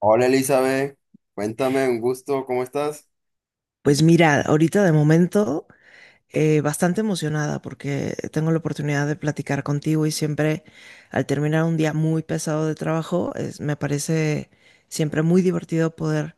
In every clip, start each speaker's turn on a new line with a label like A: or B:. A: Hola Elizabeth, cuéntame, un gusto, ¿cómo estás?
B: Pues mira, ahorita de momento bastante emocionada porque tengo la oportunidad de platicar contigo y siempre al terminar un día muy pesado de trabajo, me parece siempre muy divertido poder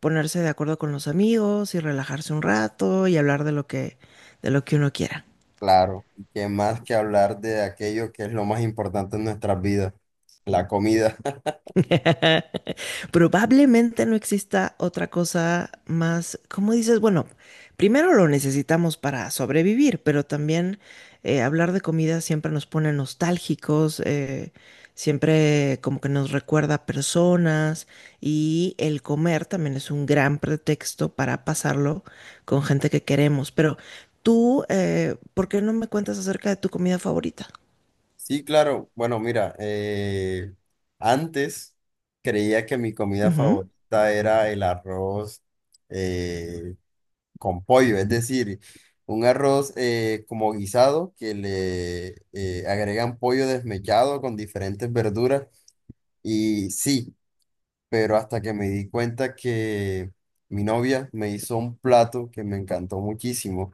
B: ponerse de acuerdo con los amigos y relajarse un rato y hablar de lo que uno quiera.
A: Claro, y qué más que hablar de aquello que es lo más importante en nuestras vidas, la comida.
B: Probablemente no exista otra cosa más, como dices, bueno, primero lo necesitamos para sobrevivir, pero también hablar de comida siempre nos pone nostálgicos, siempre como que nos recuerda a personas y el comer también es un gran pretexto para pasarlo con gente que queremos. Pero tú, ¿por qué no me cuentas acerca de tu comida favorita?
A: Sí, claro, bueno, mira, antes creía que mi comida
B: Ujú.
A: favorita era el arroz eh, con pollo, es decir, un arroz como guisado que le agregan pollo desmechado con diferentes verduras. Y sí, pero hasta que me di cuenta que mi novia me hizo un plato que me encantó muchísimo,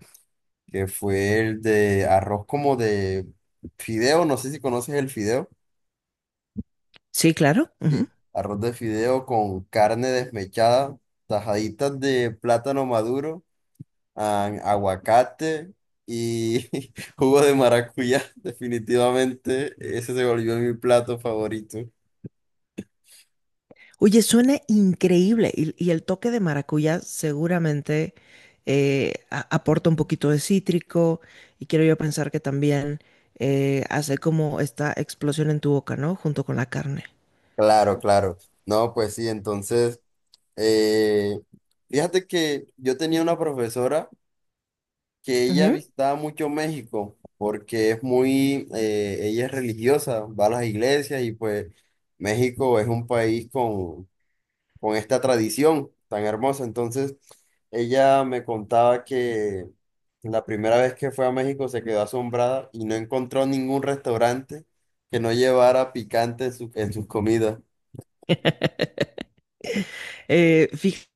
A: que fue el de arroz como de fideo, no sé si conoces el fideo,
B: Sí, claro.
A: sí, arroz de fideo con carne desmechada, tajaditas de plátano maduro, ah, aguacate y jugo de maracuyá, definitivamente ese se volvió mi plato favorito.
B: Oye, suena increíble y el toque de maracuyá seguramente aporta un poquito de cítrico y quiero yo pensar que también hace como esta explosión en tu boca, ¿no? Junto con la carne.
A: Claro, claro. No, pues sí, entonces... Eh, fíjate que yo tenía una profesora que ella
B: Ujú.
A: visitaba mucho México porque es muy, ella es religiosa, va a las iglesias y pues México es un país con esta tradición tan hermosa. Entonces ella me contaba que la primera vez que fue a México se quedó asombrada y no encontró ningún restaurante que no llevara picante en en sus comidas.
B: Fíjate,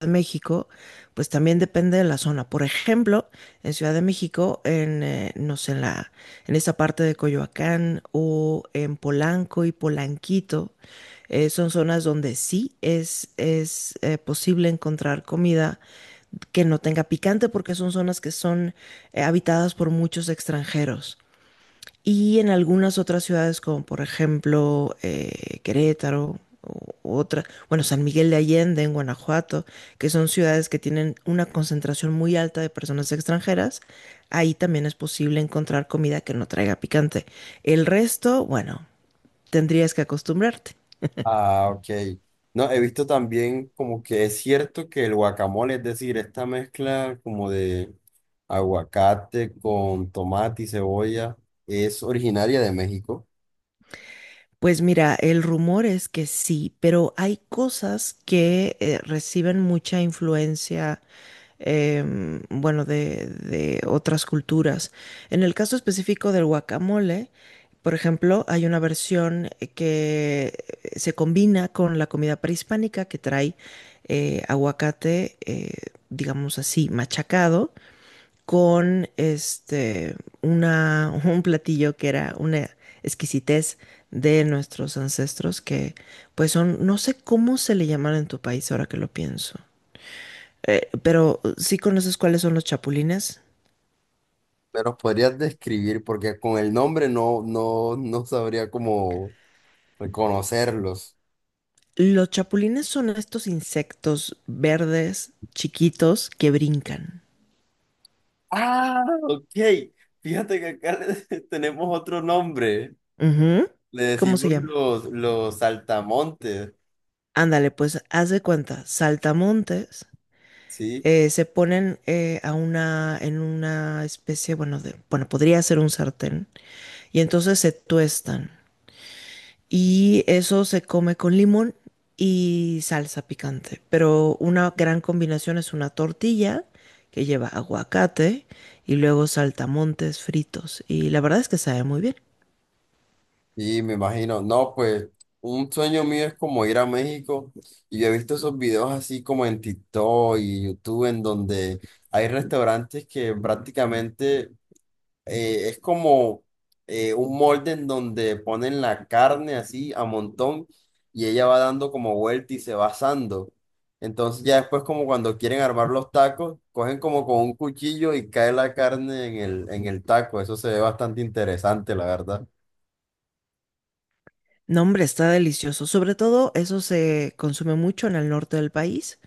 B: en México, pues también depende de la zona. Por ejemplo, en Ciudad de México, no sé, en esa parte de Coyoacán o en Polanco y Polanquito. Son zonas donde es posible encontrar comida que no tenga picante porque son zonas que son habitadas por muchos extranjeros. Y en algunas otras ciudades como por ejemplo Querétaro o u otra, bueno, San Miguel de Allende en Guanajuato, que son ciudades que tienen una concentración muy alta de personas extranjeras, ahí también es posible encontrar comida que no traiga picante. El resto, bueno, tendrías que acostumbrarte.
A: Ah, ok. No, he visto también como que es cierto que el guacamole, es decir, esta mezcla como de aguacate con tomate y cebolla, es originaria de México.
B: Pues mira, el rumor es que sí, pero hay cosas que reciben mucha influencia, bueno, de otras culturas. En el caso específico del guacamole, por ejemplo, hay una versión que se combina con la comida prehispánica que trae aguacate, digamos así, machacado con este, un platillo que era una exquisitez de nuestros ancestros que pues son, no sé cómo se le llaman en tu país ahora que lo pienso. Pero sí conoces cuáles son los chapulines.
A: Pero podrías describir, porque con el nombre no sabría cómo reconocerlos.
B: Los chapulines son estos insectos verdes chiquitos que brincan.
A: Ah, ok. Fíjate que acá tenemos otro nombre.
B: Ujú.
A: Le
B: ¿Cómo se
A: decimos
B: llama?
A: los saltamontes,
B: Ándale, pues haz de cuenta, saltamontes
A: ¿sí?
B: se ponen en una especie, bueno, bueno, podría ser un sartén, y entonces se tuestan. Y eso se come con limón y salsa picante. Pero una gran combinación es una tortilla que lleva aguacate y luego saltamontes fritos. Y la verdad es que sabe muy bien.
A: Sí, me imagino. No, pues un sueño mío es como ir a México y yo he visto esos videos así como en TikTok y YouTube en donde hay restaurantes que prácticamente es como un molde en donde ponen la carne así a montón y ella va dando como vuelta y se va asando. Entonces ya después como cuando quieren armar los tacos, cogen como con un cuchillo y cae la carne en en el taco. Eso se ve bastante interesante, la verdad.
B: No, hombre, está delicioso. Sobre todo eso se consume mucho en el norte del país.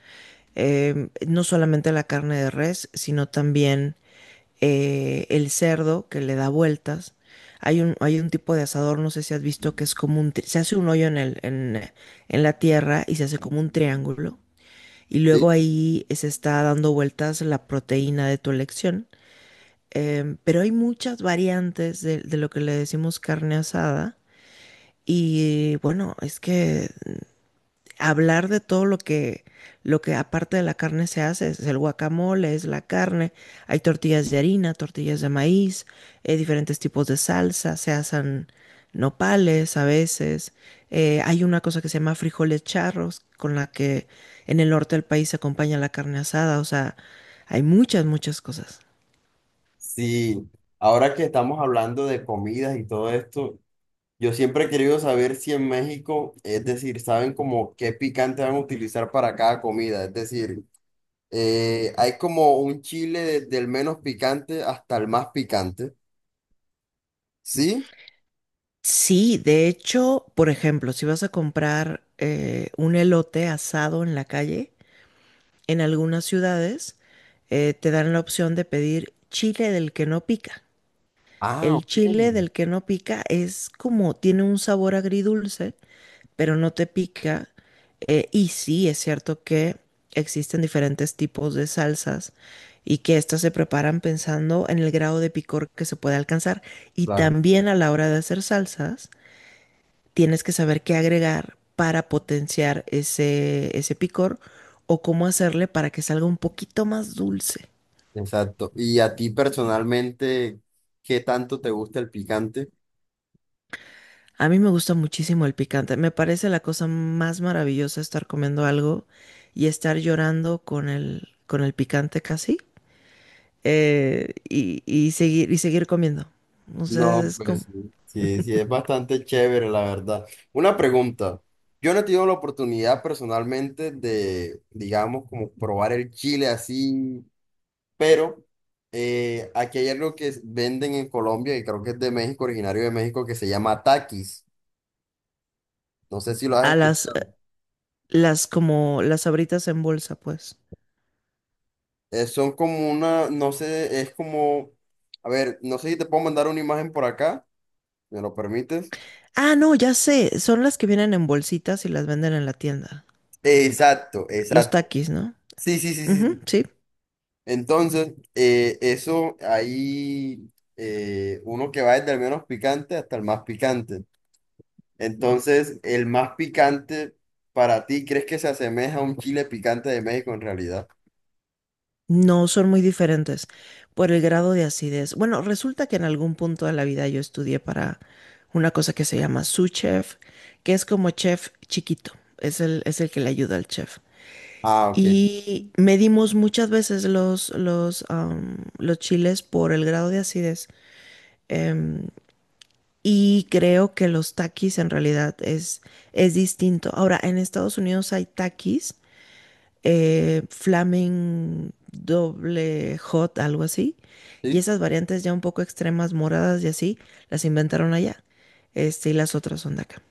B: No solamente la carne de res, sino también el cerdo que le da vueltas. Hay un tipo de asador, no sé si has visto, que es como un... Se hace un hoyo en en la tierra y se hace como un triángulo. Y luego ahí se está dando vueltas la proteína de tu elección. Pero hay muchas variantes de lo que le decimos carne asada y bueno, es que hablar de todo lo lo que aparte de la carne se hace, es el guacamole, es la carne, hay tortillas de harina, tortillas de maíz, diferentes tipos de salsa, se hacen nopales a veces, hay una cosa que se llama frijoles charros, con la que en el norte del país se acompaña la carne asada, o sea, hay muchas cosas.
A: Sí, ahora que estamos hablando de comidas y todo esto, yo siempre he querido saber si en México, es decir, saben como qué picante van a utilizar para cada comida, es decir, hay como un chile desde el menos picante hasta el más picante, ¿sí?
B: Sí, de hecho, por ejemplo, si vas a comprar un elote asado en la calle, en algunas ciudades te dan la opción de pedir chile del que no pica.
A: Ah,
B: El
A: ok,
B: chile del que no pica es como, tiene un sabor agridulce, pero no te pica. Y sí, es cierto que existen diferentes tipos de salsas y que estas se preparan pensando en el grado de picor que se puede alcanzar. Y
A: claro,
B: también a la hora de hacer salsas tienes que saber qué agregar para potenciar ese picor o cómo hacerle para que salga un poquito más dulce.
A: exacto. ¿Y a ti personalmente, qué tanto te gusta el picante?
B: A mí me gusta muchísimo el picante. Me parece la cosa más maravillosa estar comiendo algo y estar llorando con con el picante casi y seguir comiendo. O sea,
A: No,
B: es
A: pues
B: como
A: sí, sí, sí, es bastante chévere, la verdad. Una pregunta. Yo no he tenido la oportunidad personalmente de, digamos, como probar el chile así, pero aquí hay algo que venden en Colombia y creo que es de México, originario de México, que se llama taquis. No sé si lo has
B: a
A: escuchado.
B: las como las abritas en bolsa, pues.
A: Son como una, no sé, es como, a ver, no sé si te puedo mandar una imagen por acá, ¿me lo permites?
B: Ah, no, ya sé, son las que vienen en bolsitas y las venden en la tienda.
A: Exacto,
B: Los
A: exacto.
B: takis, ¿no?
A: Sí, sí, sí, sí,
B: Ujú,
A: sí.
B: sí,
A: Entonces, eso ahí, uno que va desde el menos picante hasta el más picante. Entonces, el más picante para ti, ¿crees que se asemeja a un chile picante de México en realidad?
B: no son muy diferentes por el grado de acidez. Bueno, resulta que en algún punto de la vida yo estudié para una cosa que se llama sous chef, que es como chef chiquito, es es el que le ayuda al chef.
A: Ah, ok.
B: Y medimos muchas veces los chiles por el grado de acidez. em, y creo que los takis en realidad es distinto. Ahora, en Estados Unidos hay takis Flamen doble hot, algo así. Y
A: ¿Sí?
B: esas variantes ya un poco extremas, moradas y así, las inventaron allá. Este, y las otras son de acá.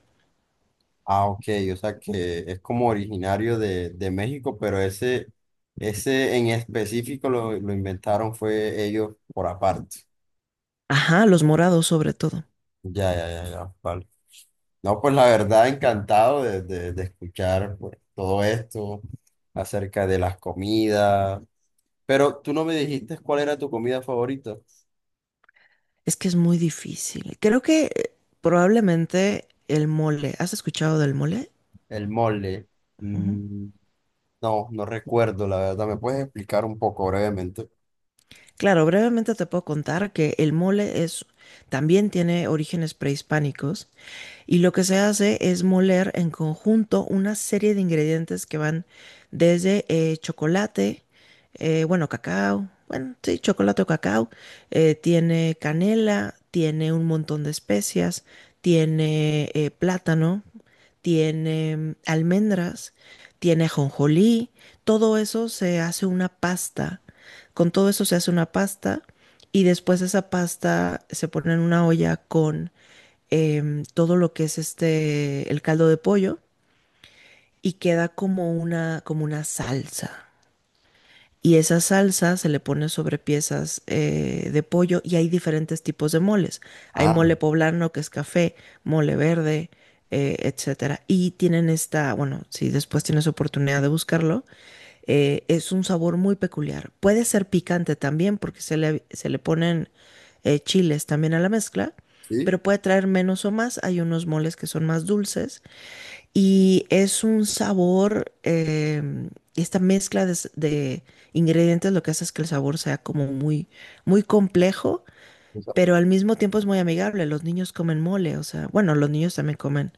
A: Ah, ok. O sea que es como originario de México, pero ese en específico lo inventaron fue ellos por aparte.
B: Ajá, los morados sobre todo.
A: Ya, ya, ya, ya. Vale. No, pues la verdad, encantado de, de escuchar pues, todo esto acerca de las comidas. Pero tú no me dijiste cuál era tu comida favorita.
B: Es que es muy difícil. Creo que probablemente el mole. ¿Has escuchado del mole?
A: El mole.
B: Ujú.
A: Mm, no, no recuerdo, la verdad. ¿Me puedes explicar un poco brevemente?
B: Claro, brevemente te puedo contar que el mole es también tiene orígenes prehispánicos. Y lo que se hace es moler en conjunto una serie de ingredientes que van desde chocolate, bueno, cacao, bueno, sí, chocolate o cacao, tiene canela, tiene un montón de especias, tiene plátano, tiene almendras, tiene ajonjolí, todo eso se hace una pasta. Con todo eso se hace una pasta y después esa pasta se pone en una olla con todo lo que es este, el caldo de pollo y queda como una salsa y esa salsa se le pone sobre piezas de pollo y hay diferentes tipos de moles. Hay
A: Ah,
B: mole poblano que es café, mole verde, etcétera. Y tienen esta, bueno, si después tienes oportunidad de buscarlo, es un sabor muy peculiar. Puede ser picante también porque se se le ponen chiles también a la mezcla,
A: sí.
B: pero puede traer menos o más. Hay unos moles que son más dulces y es un sabor, esta mezcla de ingredientes lo que hace es que el sabor sea como muy complejo,
A: O sea,
B: pero al mismo tiempo es muy amigable. Los niños comen mole, o sea, bueno, los niños también comen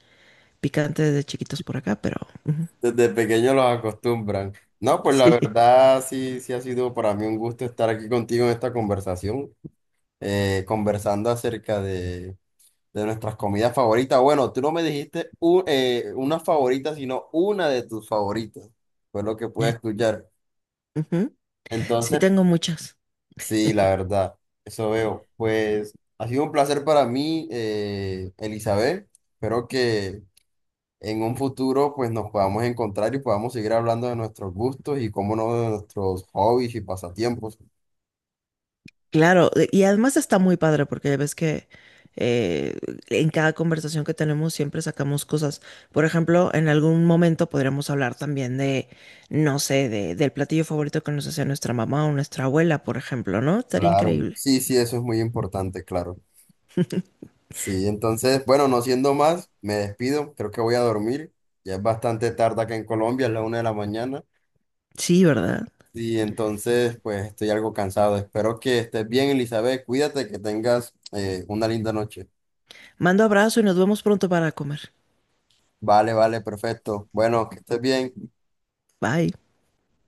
B: picante desde chiquitos por acá, pero ujú,
A: desde pequeño los acostumbran. No, pues la
B: sí,
A: verdad, sí, sí ha sido para mí un gusto estar aquí contigo en esta conversación, conversando acerca de nuestras comidas favoritas. Bueno, tú no me dijiste una favorita, sino una de tus favoritas. Fue lo que pude
B: Ay,
A: escuchar.
B: ujú, sí
A: Entonces,
B: tengo muchas.
A: sí, la verdad, eso veo. Pues ha sido un placer para mí, Elizabeth. Espero que en un futuro pues nos podamos encontrar y podamos seguir hablando de nuestros gustos y cómo no de nuestros hobbies y pasatiempos.
B: Claro, y además está muy padre porque ves que eh, en cada conversación que tenemos siempre sacamos cosas. Por ejemplo, en algún momento podríamos hablar también no sé, del platillo favorito que nos hacía nuestra mamá o nuestra abuela, por ejemplo, ¿no? Estaría
A: Claro,
B: increíble.
A: sí, sí, eso es muy importante, claro. Sí, entonces, bueno, no siendo más, me despido, creo que voy a dormir, ya es bastante tarde acá en Colombia, es la 1:00 de la mañana,
B: Sí, ¿verdad?
A: y entonces, pues estoy algo cansado, espero que estés bien, Elizabeth, cuídate, que tengas una linda noche.
B: Mando abrazo y nos vemos pronto para comer.
A: Vale, vale, perfecto, bueno, que estés bien.
B: Bye.